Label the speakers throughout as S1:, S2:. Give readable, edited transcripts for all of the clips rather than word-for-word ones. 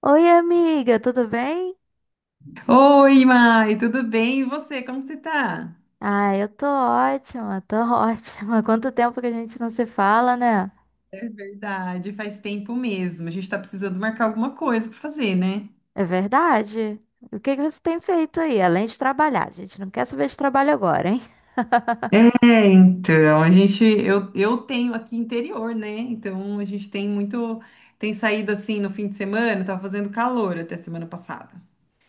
S1: Oi, amiga, tudo bem?
S2: Oi, Mai, tudo bem? E você, como você tá?
S1: Ah, eu tô ótima, tô ótima. Quanto tempo que a gente não se fala, né?
S2: É verdade, faz tempo mesmo. A gente tá precisando marcar alguma coisa pra fazer, né?
S1: É verdade. O que que você tem feito aí, além de trabalhar? A gente não quer saber de trabalho agora, hein?
S2: A gente, eu tenho aqui interior, né? Então a gente tem muito, tem saído assim no fim de semana, tava fazendo calor até semana passada.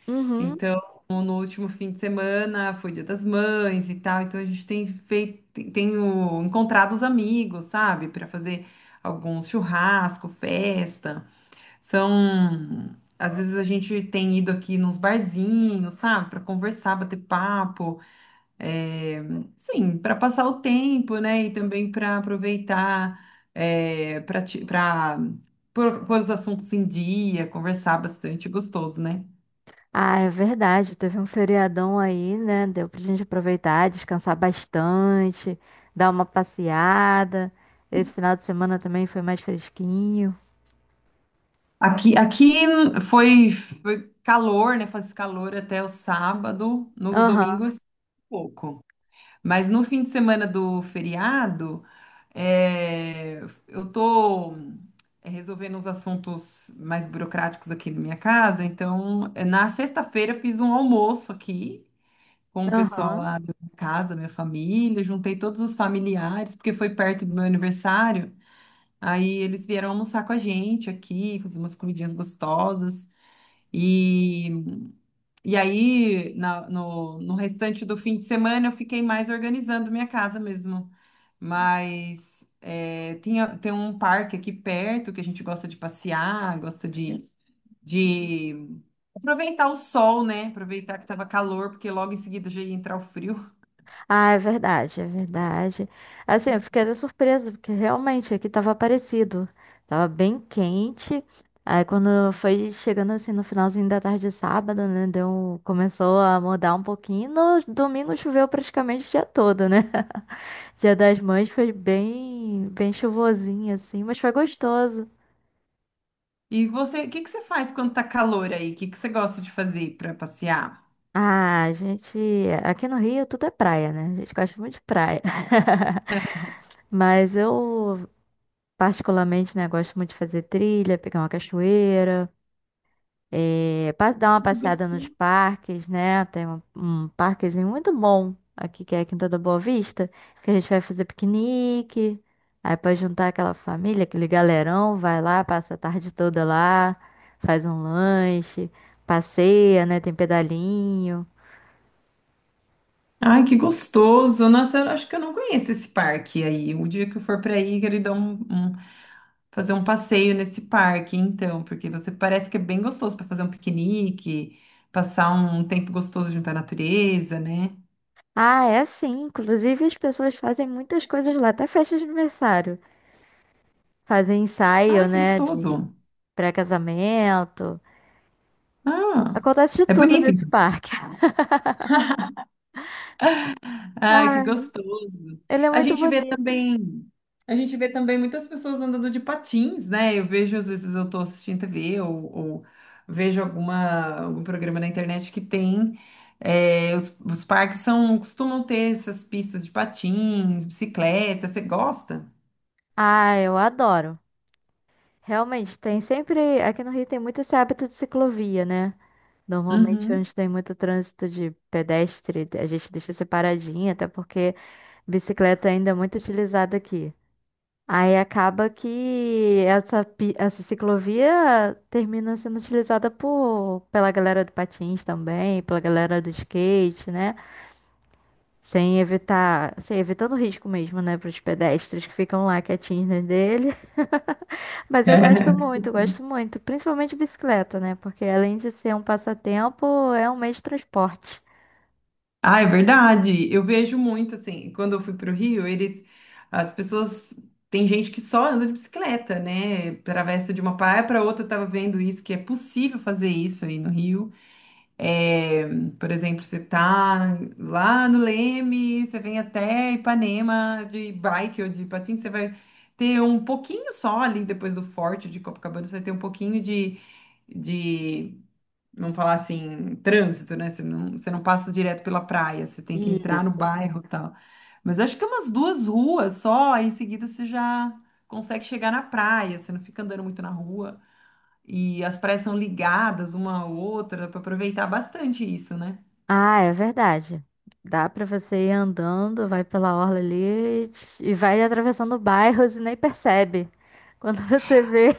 S1: Uhum.
S2: Então, no último fim de semana foi Dia das Mães e tal, então a gente tem feito, tenho encontrado os amigos, sabe, pra fazer alguns churrasco, festa. São. Às vezes a gente tem ido aqui nos barzinhos, sabe, para conversar, bater papo, é, sim, para passar o tempo, né, e também para aproveitar, para pôr os assuntos em dia, conversar bastante, é gostoso, né?
S1: Ah, é verdade. Teve um feriadão aí, né? Deu pra gente aproveitar, descansar bastante, dar uma passeada. Esse final de semana também foi mais fresquinho.
S2: Aqui foi calor, né? Faz calor até o sábado, no
S1: Aham,
S2: domingo eu um pouco. Mas no fim de semana do feriado, é, eu tô resolvendo uns assuntos mais burocráticos aqui na minha casa. Então, na sexta-feira eu fiz um almoço aqui com o pessoal
S1: aham.
S2: lá da minha casa, minha família, juntei todos os familiares, porque foi perto do meu aniversário. Aí eles vieram almoçar com a gente aqui, fazer umas comidinhas gostosas. E e aí, no restante do fim de semana, eu fiquei mais organizando minha casa mesmo. Mas é, tinha, tem um parque aqui perto que a gente gosta de passear, gosta de aproveitar o sol, né? Aproveitar que tava calor, porque logo em seguida já ia entrar o frio.
S1: Ah, é verdade, é verdade. Assim, eu fiquei até surpresa, porque realmente aqui tava parecido. Tava bem quente. Aí quando foi chegando assim no finalzinho da tarde de sábado, né? Deu, começou a mudar um pouquinho. No domingo choveu praticamente o dia todo, né? Dia das Mães foi bem, bem chuvosinho, assim, mas foi gostoso.
S2: E você, o que que você faz quando tá calor aí? O que que você gosta de fazer para passear?
S1: Ah, a gente. Aqui no Rio tudo é praia, né? A gente gosta muito de praia. Mas eu particularmente, né, gosto muito de fazer trilha, pegar uma cachoeira, dar uma
S2: Que
S1: passeada nos
S2: gostoso.
S1: parques, né? Tem um parquezinho muito bom aqui, que é a Quinta da Boa Vista, que a gente vai fazer piquenique, aí pode juntar aquela família, aquele galerão, vai lá, passa a tarde toda lá, faz um lanche, passeia, né? Tem pedalinho.
S2: Ai, que gostoso! Nossa, eu acho que eu não conheço esse parque aí. O dia que eu for para aí, quero dar um, um fazer um passeio nesse parque, então, porque você parece que é bem gostoso para fazer um piquenique, passar um tempo gostoso junto à natureza, né?
S1: Ah, é sim. Inclusive, as pessoas fazem muitas coisas lá, até festa de aniversário. Fazem
S2: Ah,
S1: ensaio,
S2: que
S1: né?
S2: gostoso!
S1: Pré-casamento.
S2: Ah,
S1: Acontece de
S2: é
S1: tudo
S2: bonito.
S1: nesse parque.
S2: Ai, que
S1: Ai,
S2: gostoso.
S1: ele é
S2: A
S1: muito
S2: gente vê
S1: bonito.
S2: também, a gente vê também muitas pessoas andando de patins, né? Eu vejo, às vezes eu tô assistindo TV ou vejo algum programa na internet que tem. É, os parques são, costumam ter essas pistas de patins, bicicleta. Você gosta?
S1: Ah, eu adoro. Realmente, tem sempre. Aqui no Rio tem muito esse hábito de ciclovia, né? Normalmente,
S2: Uhum.
S1: onde tem muito trânsito de pedestre, a gente deixa separadinha, até porque bicicleta ainda é muito utilizada aqui. Aí acaba que essa ciclovia termina sendo utilizada pela galera do patins também, pela galera do skate, né? Sem evitando o risco mesmo, né, para os pedestres que ficam lá quietinhos na dele. Mas eu gosto muito, principalmente bicicleta, né? Porque além de ser um passatempo, é um meio de transporte.
S2: Ah, é verdade. Eu vejo muito assim, quando eu fui para o Rio, eles, as pessoas, tem gente que só anda de bicicleta, né? Atravessa de uma praia para outra. Eu tava vendo isso que é possível fazer isso aí no Rio. É, por exemplo, você tá lá no Leme, você vem até Ipanema de bike ou de patins, você vai ter um pouquinho só ali depois do Forte de Copacabana, você vai ter um pouquinho de vamos falar assim, trânsito, né? Você não passa direto pela praia, você tem que entrar no
S1: Isso.
S2: bairro e tal. Mas acho que é umas duas ruas só, aí em seguida você já consegue chegar na praia, você não fica andando muito na rua. E as praias são ligadas uma à outra, para aproveitar bastante isso, né?
S1: Ah, é verdade. Dá para você ir andando, vai pela orla ali e vai atravessando bairros e nem percebe. Quando você vê.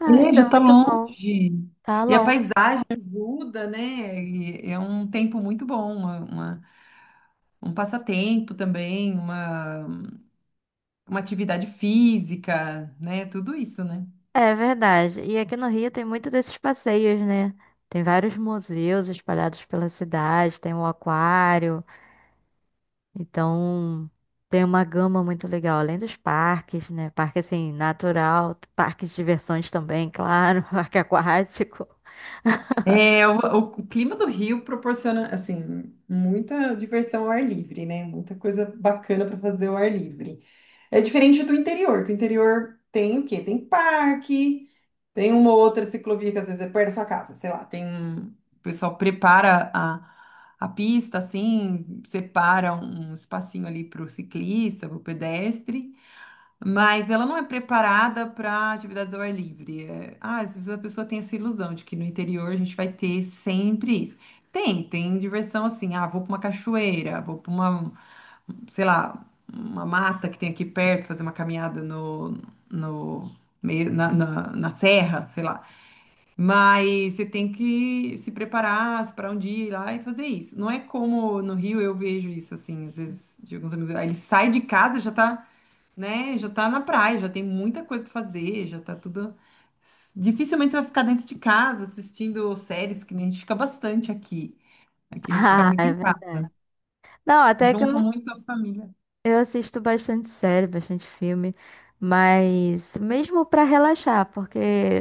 S1: Ah,
S2: É,
S1: isso é
S2: já tá
S1: muito bom.
S2: longe.
S1: Tá
S2: E a
S1: longe.
S2: paisagem ajuda, né? E é um tempo muito bom, um passatempo também, uma atividade física, né? Tudo isso, né?
S1: É verdade. E aqui no Rio tem muito desses passeios, né? Tem vários museus espalhados pela cidade, tem o aquário, então tem uma gama muito legal, além dos parques, né? Parque assim, natural, parque de diversões também, claro, parque aquático.
S2: É, o clima do Rio proporciona, assim, muita diversão ao ar livre, né? Muita coisa bacana para fazer ao ar livre. É diferente do interior, que o interior tem o quê? Tem parque, tem uma ou outra ciclovia que às vezes é perto da sua casa, sei lá, tem um... O pessoal prepara a pista, assim, separa um espacinho ali para o ciclista, para o pedestre, mas ela não é preparada para atividades ao ar livre. É, ah, às vezes a pessoa tem essa ilusão de que no interior a gente vai ter sempre isso. Tem, tem diversão assim. Ah, vou para uma cachoeira, vou para uma, sei lá, uma mata que tem aqui perto, fazer uma caminhada no, no meio, na serra, sei lá. Mas você tem que se preparar, separar um dia ir lá e fazer isso. Não é como no Rio eu vejo isso assim, às vezes de alguns amigos. Aí ele sai de casa já tá né? Já tá na praia, já tem muita coisa pra fazer, já tá tudo. Dificilmente você vai ficar dentro de casa assistindo séries, que nem a gente fica bastante aqui. Aqui a gente fica
S1: Ah,
S2: muito
S1: é
S2: em
S1: verdade.
S2: casa,
S1: Não, até que
S2: junto muito a família.
S1: eu assisto bastante série, bastante filme, mas mesmo para relaxar, porque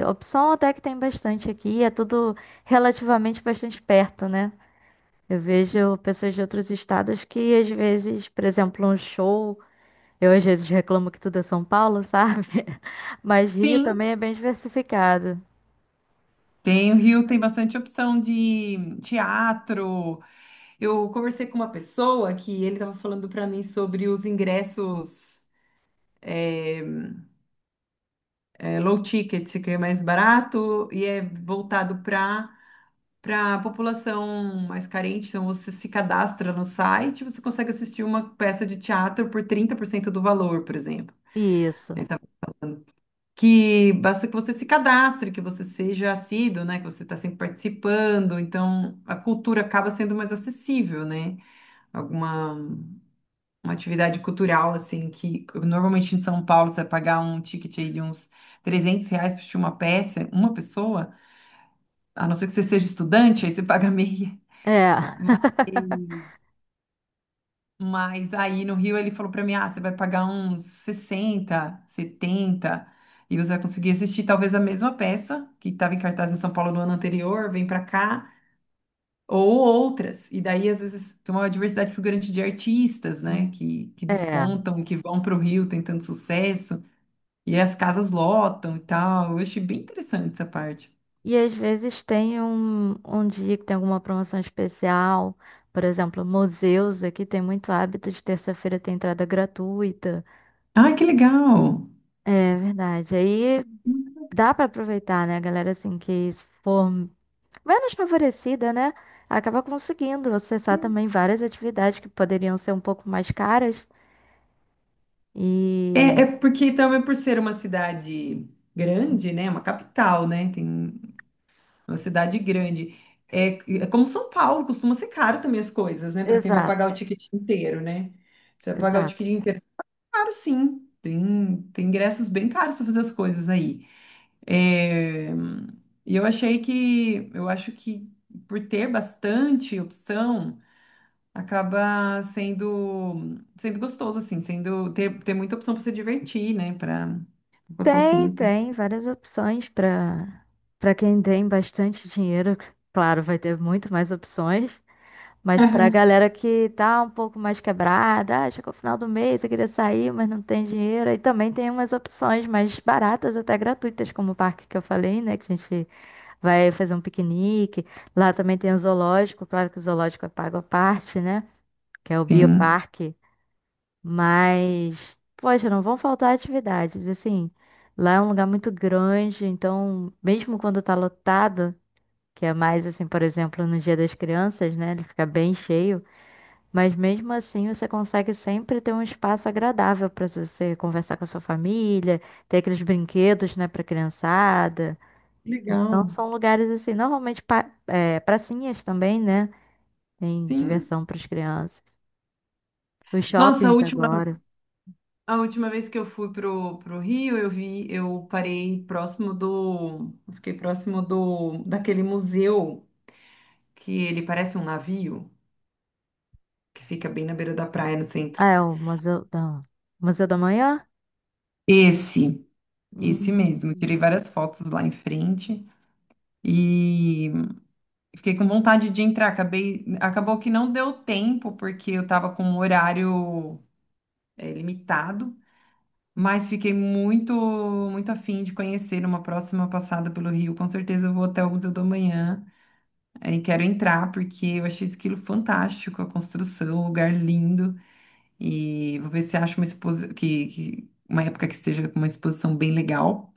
S1: opção até que tem bastante aqui, é tudo relativamente bastante perto, né? Eu vejo pessoas de outros estados que às vezes, por exemplo, um show, eu às vezes reclamo que tudo é São Paulo, sabe? Mas Rio
S2: Sim,
S1: também é bem diversificado.
S2: tem o Rio, tem bastante opção de teatro. Eu conversei com uma pessoa que ele estava falando para mim sobre os ingressos é, low ticket, que é mais barato e é voltado para para a população mais carente, então você se cadastra no site, você consegue assistir uma peça de teatro por 30% do valor, por exemplo. Né?
S1: Isso.
S2: Então, que basta que você se cadastre, que você seja assíduo, né? Que você está sempre participando. Então, a cultura acaba sendo mais acessível, né? Alguma Uma atividade cultural, assim, que normalmente em São Paulo você vai pagar um ticket aí de uns 300 reais para assistir uma peça, uma pessoa, a não ser que você seja estudante, aí você paga meia.
S1: É.
S2: Mas aí no Rio ele falou pra mim: ah, você vai pagar uns 60 70 e você vai conseguir assistir talvez a mesma peça que estava em cartaz em São Paulo no ano anterior, vem pra cá, ou outras. E daí às vezes tem uma diversidade muito grande de artistas, né, que
S1: É.
S2: despontam e que vão pro Rio tentando sucesso, e aí as casas lotam e tal. Eu achei bem interessante essa parte.
S1: E às vezes tem um dia que tem alguma promoção especial. Por exemplo, museus aqui tem muito hábito de terça-feira ter entrada gratuita.
S2: Ai, que legal!
S1: É verdade. Aí dá para aproveitar, né, galera? Assim, que se for menos favorecida, né? Acaba conseguindo acessar também várias atividades que poderiam ser um pouco mais caras.
S2: É,
S1: E.
S2: é porque também por ser uma cidade grande, né? Uma capital, né? Tem uma cidade grande. É, é como São Paulo, costuma ser caro também as coisas, né? Para quem vai
S1: Exato,
S2: pagar o ticket inteiro, né? Você vai pagar o
S1: exato.
S2: ticket inteiro, é caro sim. Tem, tem ingressos bem caros para fazer as coisas aí. É, e eu achei que, eu acho que por ter bastante opção, acaba sendo gostoso, assim, sendo ter, ter muita opção para se divertir, né? Para passar o
S1: Tem,
S2: tempo.
S1: tem várias opções para quem tem bastante dinheiro. Claro, vai ter muito mais opções. Mas para a galera que tá um pouco mais quebrada, ah, chegou o final do mês, eu queria sair, mas não tem dinheiro. Aí também tem umas opções mais baratas, até gratuitas, como o parque que eu falei, né? Que a gente vai fazer um piquenique. Lá também tem o zoológico, claro que o zoológico é pago à parte, né? Que é o
S2: Sim.
S1: bioparque. Mas, poxa, não vão faltar atividades. Assim, lá é um lugar muito grande, então, mesmo quando tá lotado, que é mais assim, por exemplo, no Dia das Crianças, né? Ele fica bem cheio. Mas mesmo assim, você consegue sempre ter um espaço agradável para você conversar com a sua família, ter aqueles brinquedos, né, para criançada. Não
S2: Legal.
S1: são lugares assim, normalmente pracinhas também, né? Tem
S2: Sim.
S1: diversão para as crianças. Os
S2: Nossa, a
S1: shoppings
S2: última
S1: agora.
S2: A última vez que eu fui pro Rio, eu vi, eu parei próximo do, eu fiquei próximo do, daquele museu que ele parece um navio, que fica bem na beira da praia, no centro.
S1: Ah, é o Museu da Manhã?
S2: Esse, esse
S1: Hum.
S2: mesmo. Tirei várias fotos lá em frente e fiquei com vontade de entrar. Acabou que não deu tempo porque eu tava com um horário limitado, mas fiquei muito, muito afim de conhecer uma próxima passada pelo Rio. Com certeza eu vou até o Museu do Amanhã. Aí quero entrar porque eu achei aquilo fantástico, a construção, o lugar lindo. E vou ver se acho uma uma época que esteja com uma exposição bem legal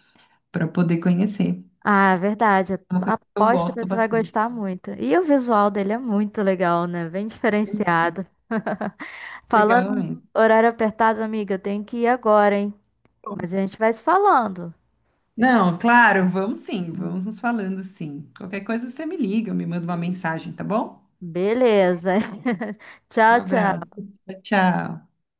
S2: para poder conhecer.
S1: Ah, é verdade.
S2: É uma coisa que eu
S1: Aposto que
S2: gosto
S1: você vai
S2: bastante.
S1: gostar muito. E o visual dele é muito legal, né? Bem
S2: É muito
S1: diferenciado. Falando
S2: legal
S1: em
S2: mesmo.
S1: horário apertado, amiga, eu tenho que ir agora, hein?
S2: Bom,
S1: Mas a gente vai se falando.
S2: não, claro, vamos sim, vamos nos falando sim. Qualquer coisa você me liga, me manda uma mensagem, tá bom?
S1: Beleza.
S2: Um
S1: Tchau, tchau.
S2: abraço. Tchau.